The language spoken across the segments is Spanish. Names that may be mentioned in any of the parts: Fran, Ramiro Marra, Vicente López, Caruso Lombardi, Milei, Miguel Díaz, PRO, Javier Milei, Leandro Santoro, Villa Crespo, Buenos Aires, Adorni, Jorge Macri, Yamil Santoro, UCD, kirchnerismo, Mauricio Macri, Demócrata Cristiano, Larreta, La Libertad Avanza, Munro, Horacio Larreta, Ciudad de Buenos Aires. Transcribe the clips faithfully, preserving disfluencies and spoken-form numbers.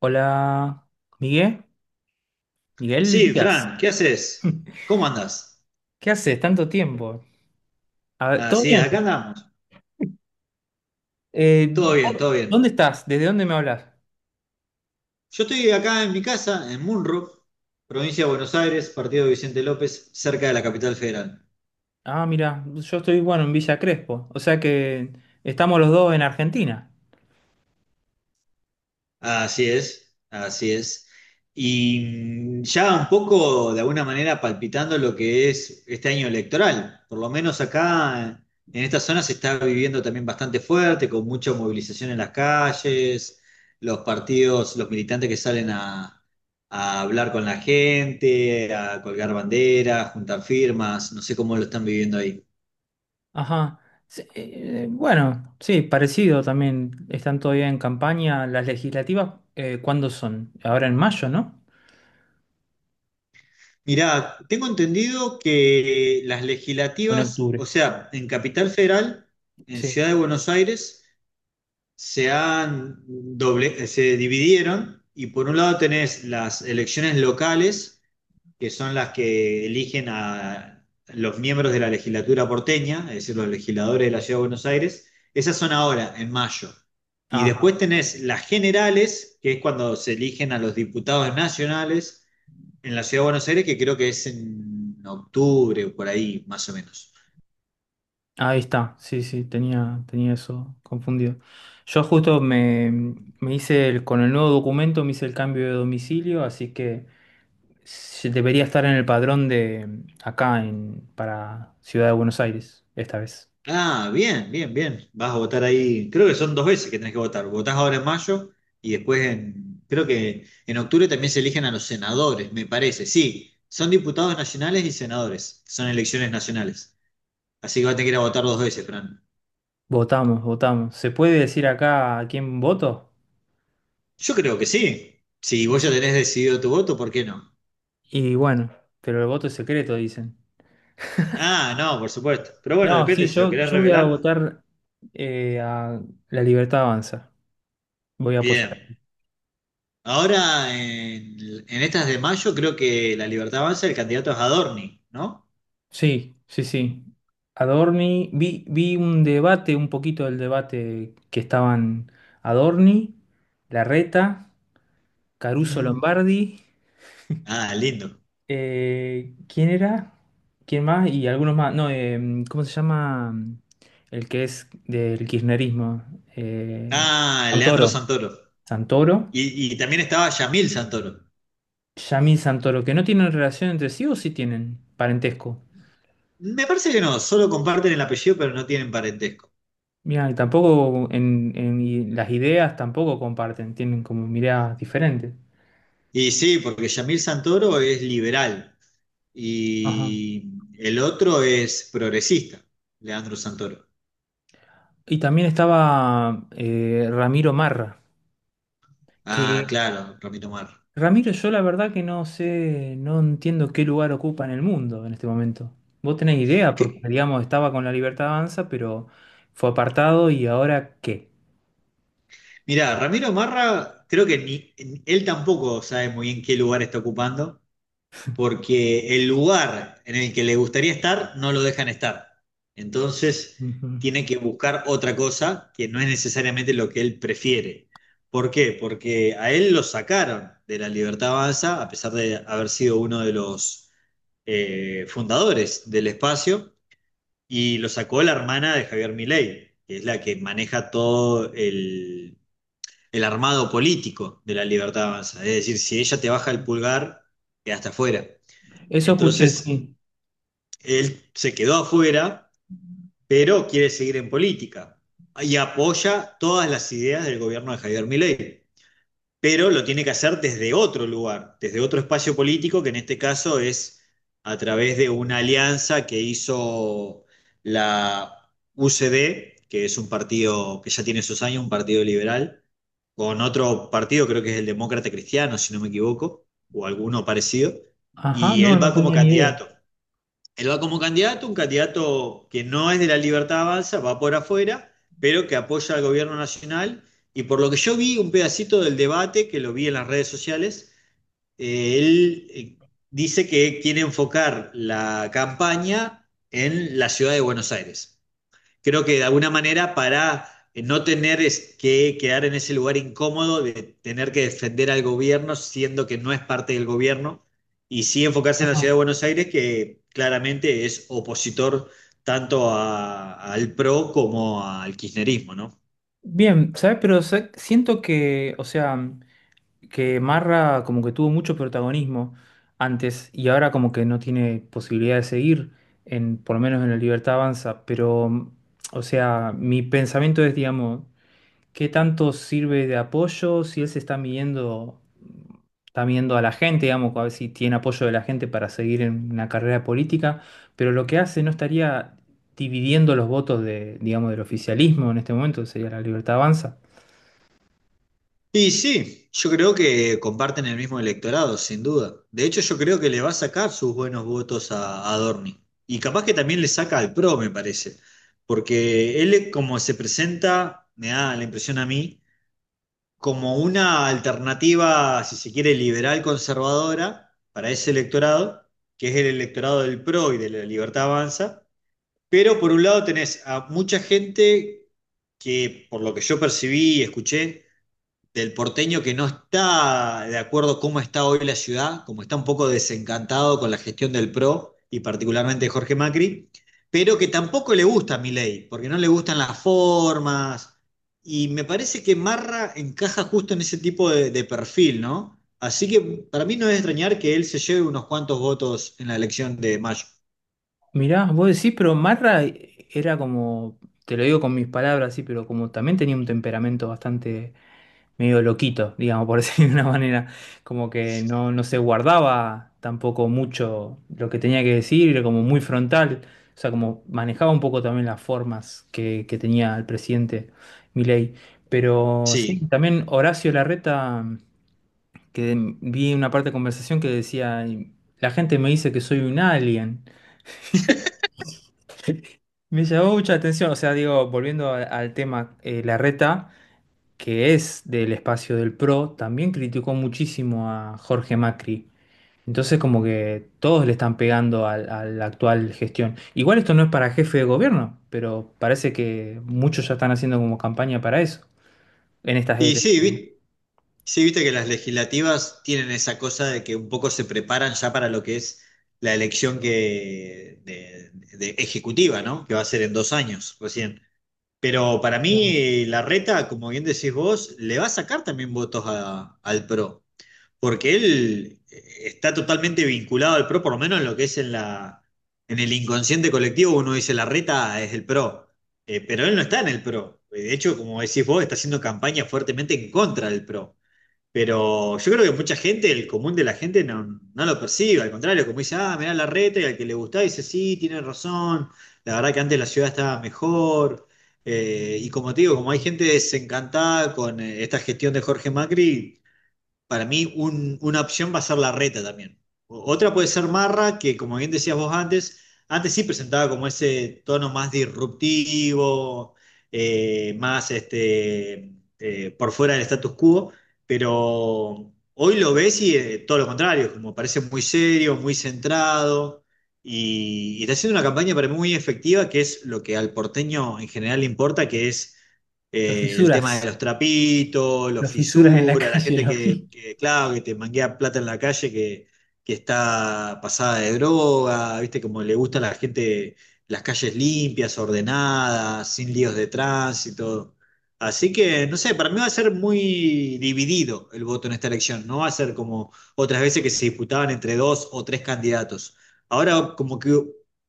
Hola, Miguel, Miguel Sí, Díaz. Fran, ¿qué haces? ¿Cómo andás? ¿Qué haces? Tanto tiempo. A ver, ¿todo Así es, bien? acá andamos. Eh, Todo ¿vos bien, todo bien. ¿dónde estás? ¿Desde dónde me hablas? Yo estoy acá en mi casa, en Munro, provincia de Buenos Aires, partido de Vicente López, cerca de la capital federal. Ah, mira, yo estoy, bueno, en Villa Crespo. O sea que estamos los dos en Argentina. Así es, así es. Y mm, ya un poco, de alguna manera, palpitando lo que es este año electoral. Por lo menos acá, en esta zona, se está viviendo también bastante fuerte, con mucha movilización en las calles, los partidos, los militantes que salen a, a hablar con la gente, a colgar banderas, juntar firmas. No sé cómo lo están viviendo ahí. Ajá. Sí, eh, bueno, sí, parecido también. Están todavía en campaña las legislativas. eh, ¿cuándo son? Ahora en mayo, ¿no? Mirá, tengo entendido que las O en legislativas, octubre. o sea, en Capital Federal, en Sí. Ciudad de Buenos Aires, se han doble- se dividieron y por un lado tenés las elecciones locales, que son las que eligen a los miembros de la legislatura porteña, es decir, los legisladores de la Ciudad de Buenos Aires. Esas son ahora, en mayo. Y Ah, después tenés las generales, que es cuando se eligen a los diputados nacionales en la ciudad de Buenos Aires, que creo que es en octubre o por ahí, más o menos. ahí está, sí, sí, tenía, tenía eso confundido. Yo justo me, me hice el, con el nuevo documento, me hice el cambio de domicilio, así que se- debería estar en el padrón de acá en, para Ciudad de Buenos Aires, esta vez. Ah, bien, bien, bien. Vas a votar ahí. Creo que son dos veces que tenés que votar. Votás ahora en mayo y después en, creo que en octubre también se eligen a los senadores, me parece. Sí, son diputados nacionales y senadores. Son elecciones nacionales. Así que vas a tener que ir a votar dos veces, Fran. Votamos, votamos. ¿Se puede decir acá a quién voto? Yo creo que sí. Si Y vos ya sí. tenés decidido tu voto, ¿por qué no? Y bueno, pero el voto es secreto, dicen. Ah, no, por supuesto. Pero bueno, No, depende sí, si lo yo, querés yo voy a revelar. votar eh, a La Libertad Avanza. Voy a apoyar. Bien. Ahora, en, en estas de mayo, creo que La Libertad Avanza, el candidato es Adorni, ¿no? Sí, sí, sí. Adorni, vi, vi un debate, un poquito del debate que estaban Adorni, Larreta, Caruso Mm. Lombardi, Ah, lindo. eh, ¿quién era? ¿Quién más? Y algunos más. No, em, ¿cómo se llama el que es del kirchnerismo? Eh, Ah, Leandro Santoro. Santoro. Santoro. Y, y también estaba Yamil Santoro. Yamil Santoro, que no tienen relación entre sí o sí tienen parentesco. Me parece que no, solo comparten el apellido, pero no tienen parentesco. Mira, y tampoco en, en i- las ideas tampoco comparten, tienen como miradas diferentes. Y sí, porque Yamil Santoro es liberal Ajá. y el otro es progresista, Leandro Santoro. Y también estaba eh, Ramiro Marra, Ah, que claro, Ramiro Marra. Ramiro yo la verdad que no sé, no entiendo qué lugar ocupa en el mundo en este momento. Vos tenés idea, porque ¿Qué? digamos estaba con la Libertad Avanza, pero fue apartado y ahora qué. Mirá, Ramiro Marra, creo que ni, él tampoco sabe muy bien qué lugar está ocupando, porque el lugar en el que le gustaría estar no lo dejan estar. Entonces Ujú. tiene que buscar otra cosa que no es necesariamente lo que él prefiere. ¿Por qué? Porque a él lo sacaron de la Libertad Avanza, a pesar de haber sido uno de los eh, fundadores del espacio, y lo sacó la hermana de Javier Milei, que es la que maneja todo el, el armado político de la Libertad Avanza. Es decir, si ella te baja el pulgar, quedaste afuera. Eso escuché, Entonces, sí. él se quedó afuera, pero quiere seguir en política y apoya todas las ideas del gobierno de Javier Milei, pero lo tiene que hacer desde otro lugar, desde otro espacio político, que en este caso es a través de una alianza que hizo la U C D, que es un partido que ya tiene sus años, un partido liberal, con otro partido, creo que es el Demócrata Cristiano, si no me equivoco, o alguno parecido, Ajá, y no, él no va como tenía ni idea. candidato. Él va como candidato, un candidato que no es de la Libertad Avanza, va por afuera, pero que apoya al gobierno nacional. Y por lo que yo vi, un pedacito del debate, que lo vi en las redes sociales, eh, él eh, dice que quiere enfocar la campaña en la ciudad de Buenos Aires, creo que de alguna manera para eh, no tener es que quedar en ese lugar incómodo de tener que defender al gobierno siendo que no es parte del gobierno y sí enfocarse en la Ajá. ciudad de Buenos Aires, que claramente es opositor tanto a- al PRO como al kirchnerismo, ¿no? Bien, ¿sabes? Pero sa- siento que, o sea, que Marra como que tuvo mucho protagonismo antes y ahora como que no tiene posibilidad de seguir, en, por lo menos en la Libertad Avanza, pero, o sea, mi pensamiento es, digamos, ¿qué tanto sirve de apoyo si él se está midiendo, está midiendo a la gente, digamos, a ver si tiene apoyo de la gente para seguir en una carrera política, pero lo que hace no estaría dividiendo los votos de, digamos, del oficialismo en este momento, que sería la Libertad Avanza? Y sí, yo creo que comparten el mismo electorado, sin duda. De hecho, yo creo que le va a sacar sus buenos votos a, a Adorni. Y capaz que también le saca al PRO, me parece. Porque él, como se presenta, me da la impresión a mí, como una alternativa, si se quiere, liberal conservadora para ese electorado, que es el electorado del PRO y de la Libertad Avanza. Pero por un lado tenés a mucha gente que, por lo que yo percibí y escuché, del porteño que no está de acuerdo cómo está hoy la ciudad, como está un poco desencantado con la gestión del PRO y particularmente de Jorge Macri, pero que tampoco le gusta a Milei, porque no le gustan las formas. Y me parece que Marra encaja justo en ese tipo de, de perfil, ¿no? Así que para mí no es extrañar que él se lleve unos cuantos votos en la elección de mayo. Mirá, vos decís, pero Marra eh, era como, te lo digo con mis palabras, sí, pero como también tenía un temperamento bastante medio loquito, digamos, por decirlo de una manera, como que no, no se guardaba tampoco mucho lo que tenía que decir, era como muy frontal, o sea, como manejaba un poco también las formas que, que tenía el presidente Milei. Pero sí, Sí. también Horacio Larreta, que vi una parte de conversación que decía, la gente me dice que soy un alien. Me llamó mucha atención, o sea, digo, volviendo a- al tema, eh, Larreta, que es del espacio del P R O, también criticó muchísimo a Jorge Macri. Entonces, como que todos le están pegando al- a la actual gestión. Igual esto no es para jefe de gobierno, pero parece que muchos ya están haciendo como campaña para eso, en estas Y elecciones. sí, sí, viste que las legislativas tienen esa cosa de que un poco se preparan ya para lo que es la elección que de, de ejecutiva, ¿no? Que va a ser en dos años recién. Pero para Claro. mí, Larreta, como bien decís vos, le va a sacar también votos a- al PRO, porque él eh, está totalmente vinculado al PRO, por lo menos en lo que es en la, en el inconsciente colectivo, uno dice Larreta es el PRO. Eh, pero él no está en el PRO. De hecho, como decís vos, está haciendo campaña fuertemente en contra del PRO. Pero yo creo que mucha gente, el común de la gente, no, no lo percibe. Al contrario, como dice, ah, mirá la reta, y al que le gusta dice, sí, tiene razón. La verdad que antes la ciudad estaba mejor. Eh, y como te digo, como hay gente desencantada con eh, esta gestión de Jorge Macri, para mí un- una opción va a ser la reta también. O- Otra puede ser Marra, que como bien decías vos antes, antes sí presentaba como ese tono más disruptivo, eh, más este, eh, por fuera del status quo, pero hoy lo ves y eh, todo lo contrario, como parece muy serio, muy centrado. Y, y está haciendo una campaña para mí muy efectiva, que es lo que al porteño en general le importa, que es Los eh, el tema de fisuras, los trapitos, los los fisuras en la fisuras, la calle, gente lo vi. que, que, claro, que te manguea plata en la calle, que, que está pasada de droga, viste, como le gusta a la gente las calles limpias, ordenadas, sin líos de tránsito. Así que, no sé, para mí va a ser muy dividido el voto en esta elección. No va a ser como otras veces que se disputaban entre dos o tres candidatos. Ahora, como que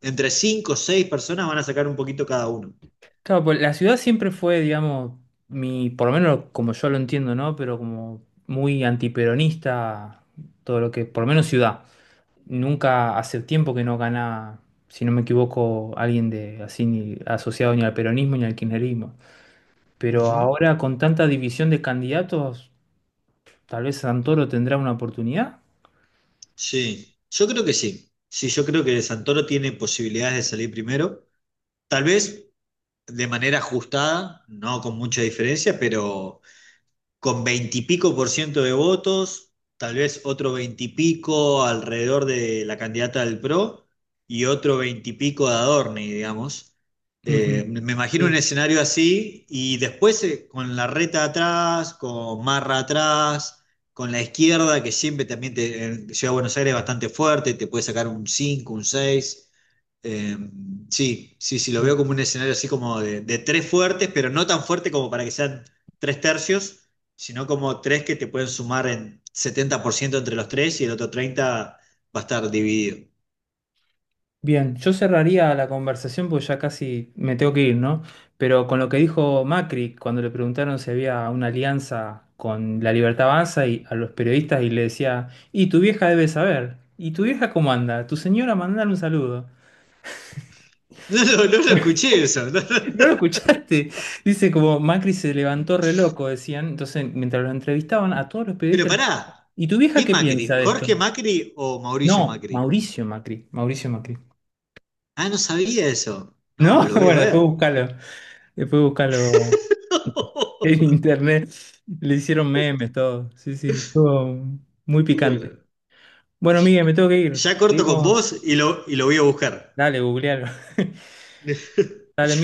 entre cinco o seis personas van a sacar un poquito cada uno. Claro, pues la ciudad siempre fue, digamos, mi, por lo menos como yo lo entiendo, ¿no? Pero como muy antiperonista, todo lo que, por lo menos ciudad. Nunca hace tiempo que no gana, si no me equivoco, alguien de así ni asociado ni al peronismo ni al kirchnerismo. Pero Ujú. ahora con tanta división de candidatos, tal vez Santoro tendrá una oportunidad. Sí, yo creo que sí. Sí, yo creo que Santoro tiene posibilidades de salir primero, tal vez de manera ajustada, no con mucha diferencia, pero con veintipico por ciento de votos, tal vez otro veintipico alrededor de la candidata del PRO y otro veintipico de Adorni, digamos. Ujú. Eh, me imagino un Sí, escenario así y después eh, con la reta atrás, con Marra atrás, con la izquierda que siempre también te, en Ciudad de Buenos Aires es bastante fuerte, te puede sacar un cinco, un seis. Eh, sí, sí, sí, lo sí. veo como un escenario así como de, de tres fuertes, pero no tan fuerte como para que sean tres tercios, sino como tres que te pueden sumar en setenta por ciento entre los tres y el otro treinta por ciento va a estar dividido. Bien, yo cerraría la conversación porque ya casi me tengo que ir, ¿no? Pero con lo que dijo Macri cuando le preguntaron si había una alianza con La Libertad Avanza y a los periodistas y le decía, y tu vieja debe saber, ¿y tu vieja cómo anda? Tu señora mandar un saludo. No, lo- no, lo escuché eso. No, ¿No lo no. escuchaste? Dice como Macri se levantó re loco, decían. Entonces, mientras lo entrevistaban, a todos los Pero periodistas, les- pará, ¿y tu vieja ¿qué qué Macri? piensa de esto? ¿Jorge Macri o Mauricio No, Macri? Mauricio Macri, Mauricio Macri. Ah, no sabía eso. ¿No? No, lo voy a Bueno, después ver. búscalo, después búscalo en internet. Le hicieron memes, todo. Sí, sí, estuvo muy picante. Bueno, Bueno, Miguel, me tengo que ir. ya corto con vos Seguimos. y lo, y lo voy a buscar. Dale, googlealo. Dale, Miguel.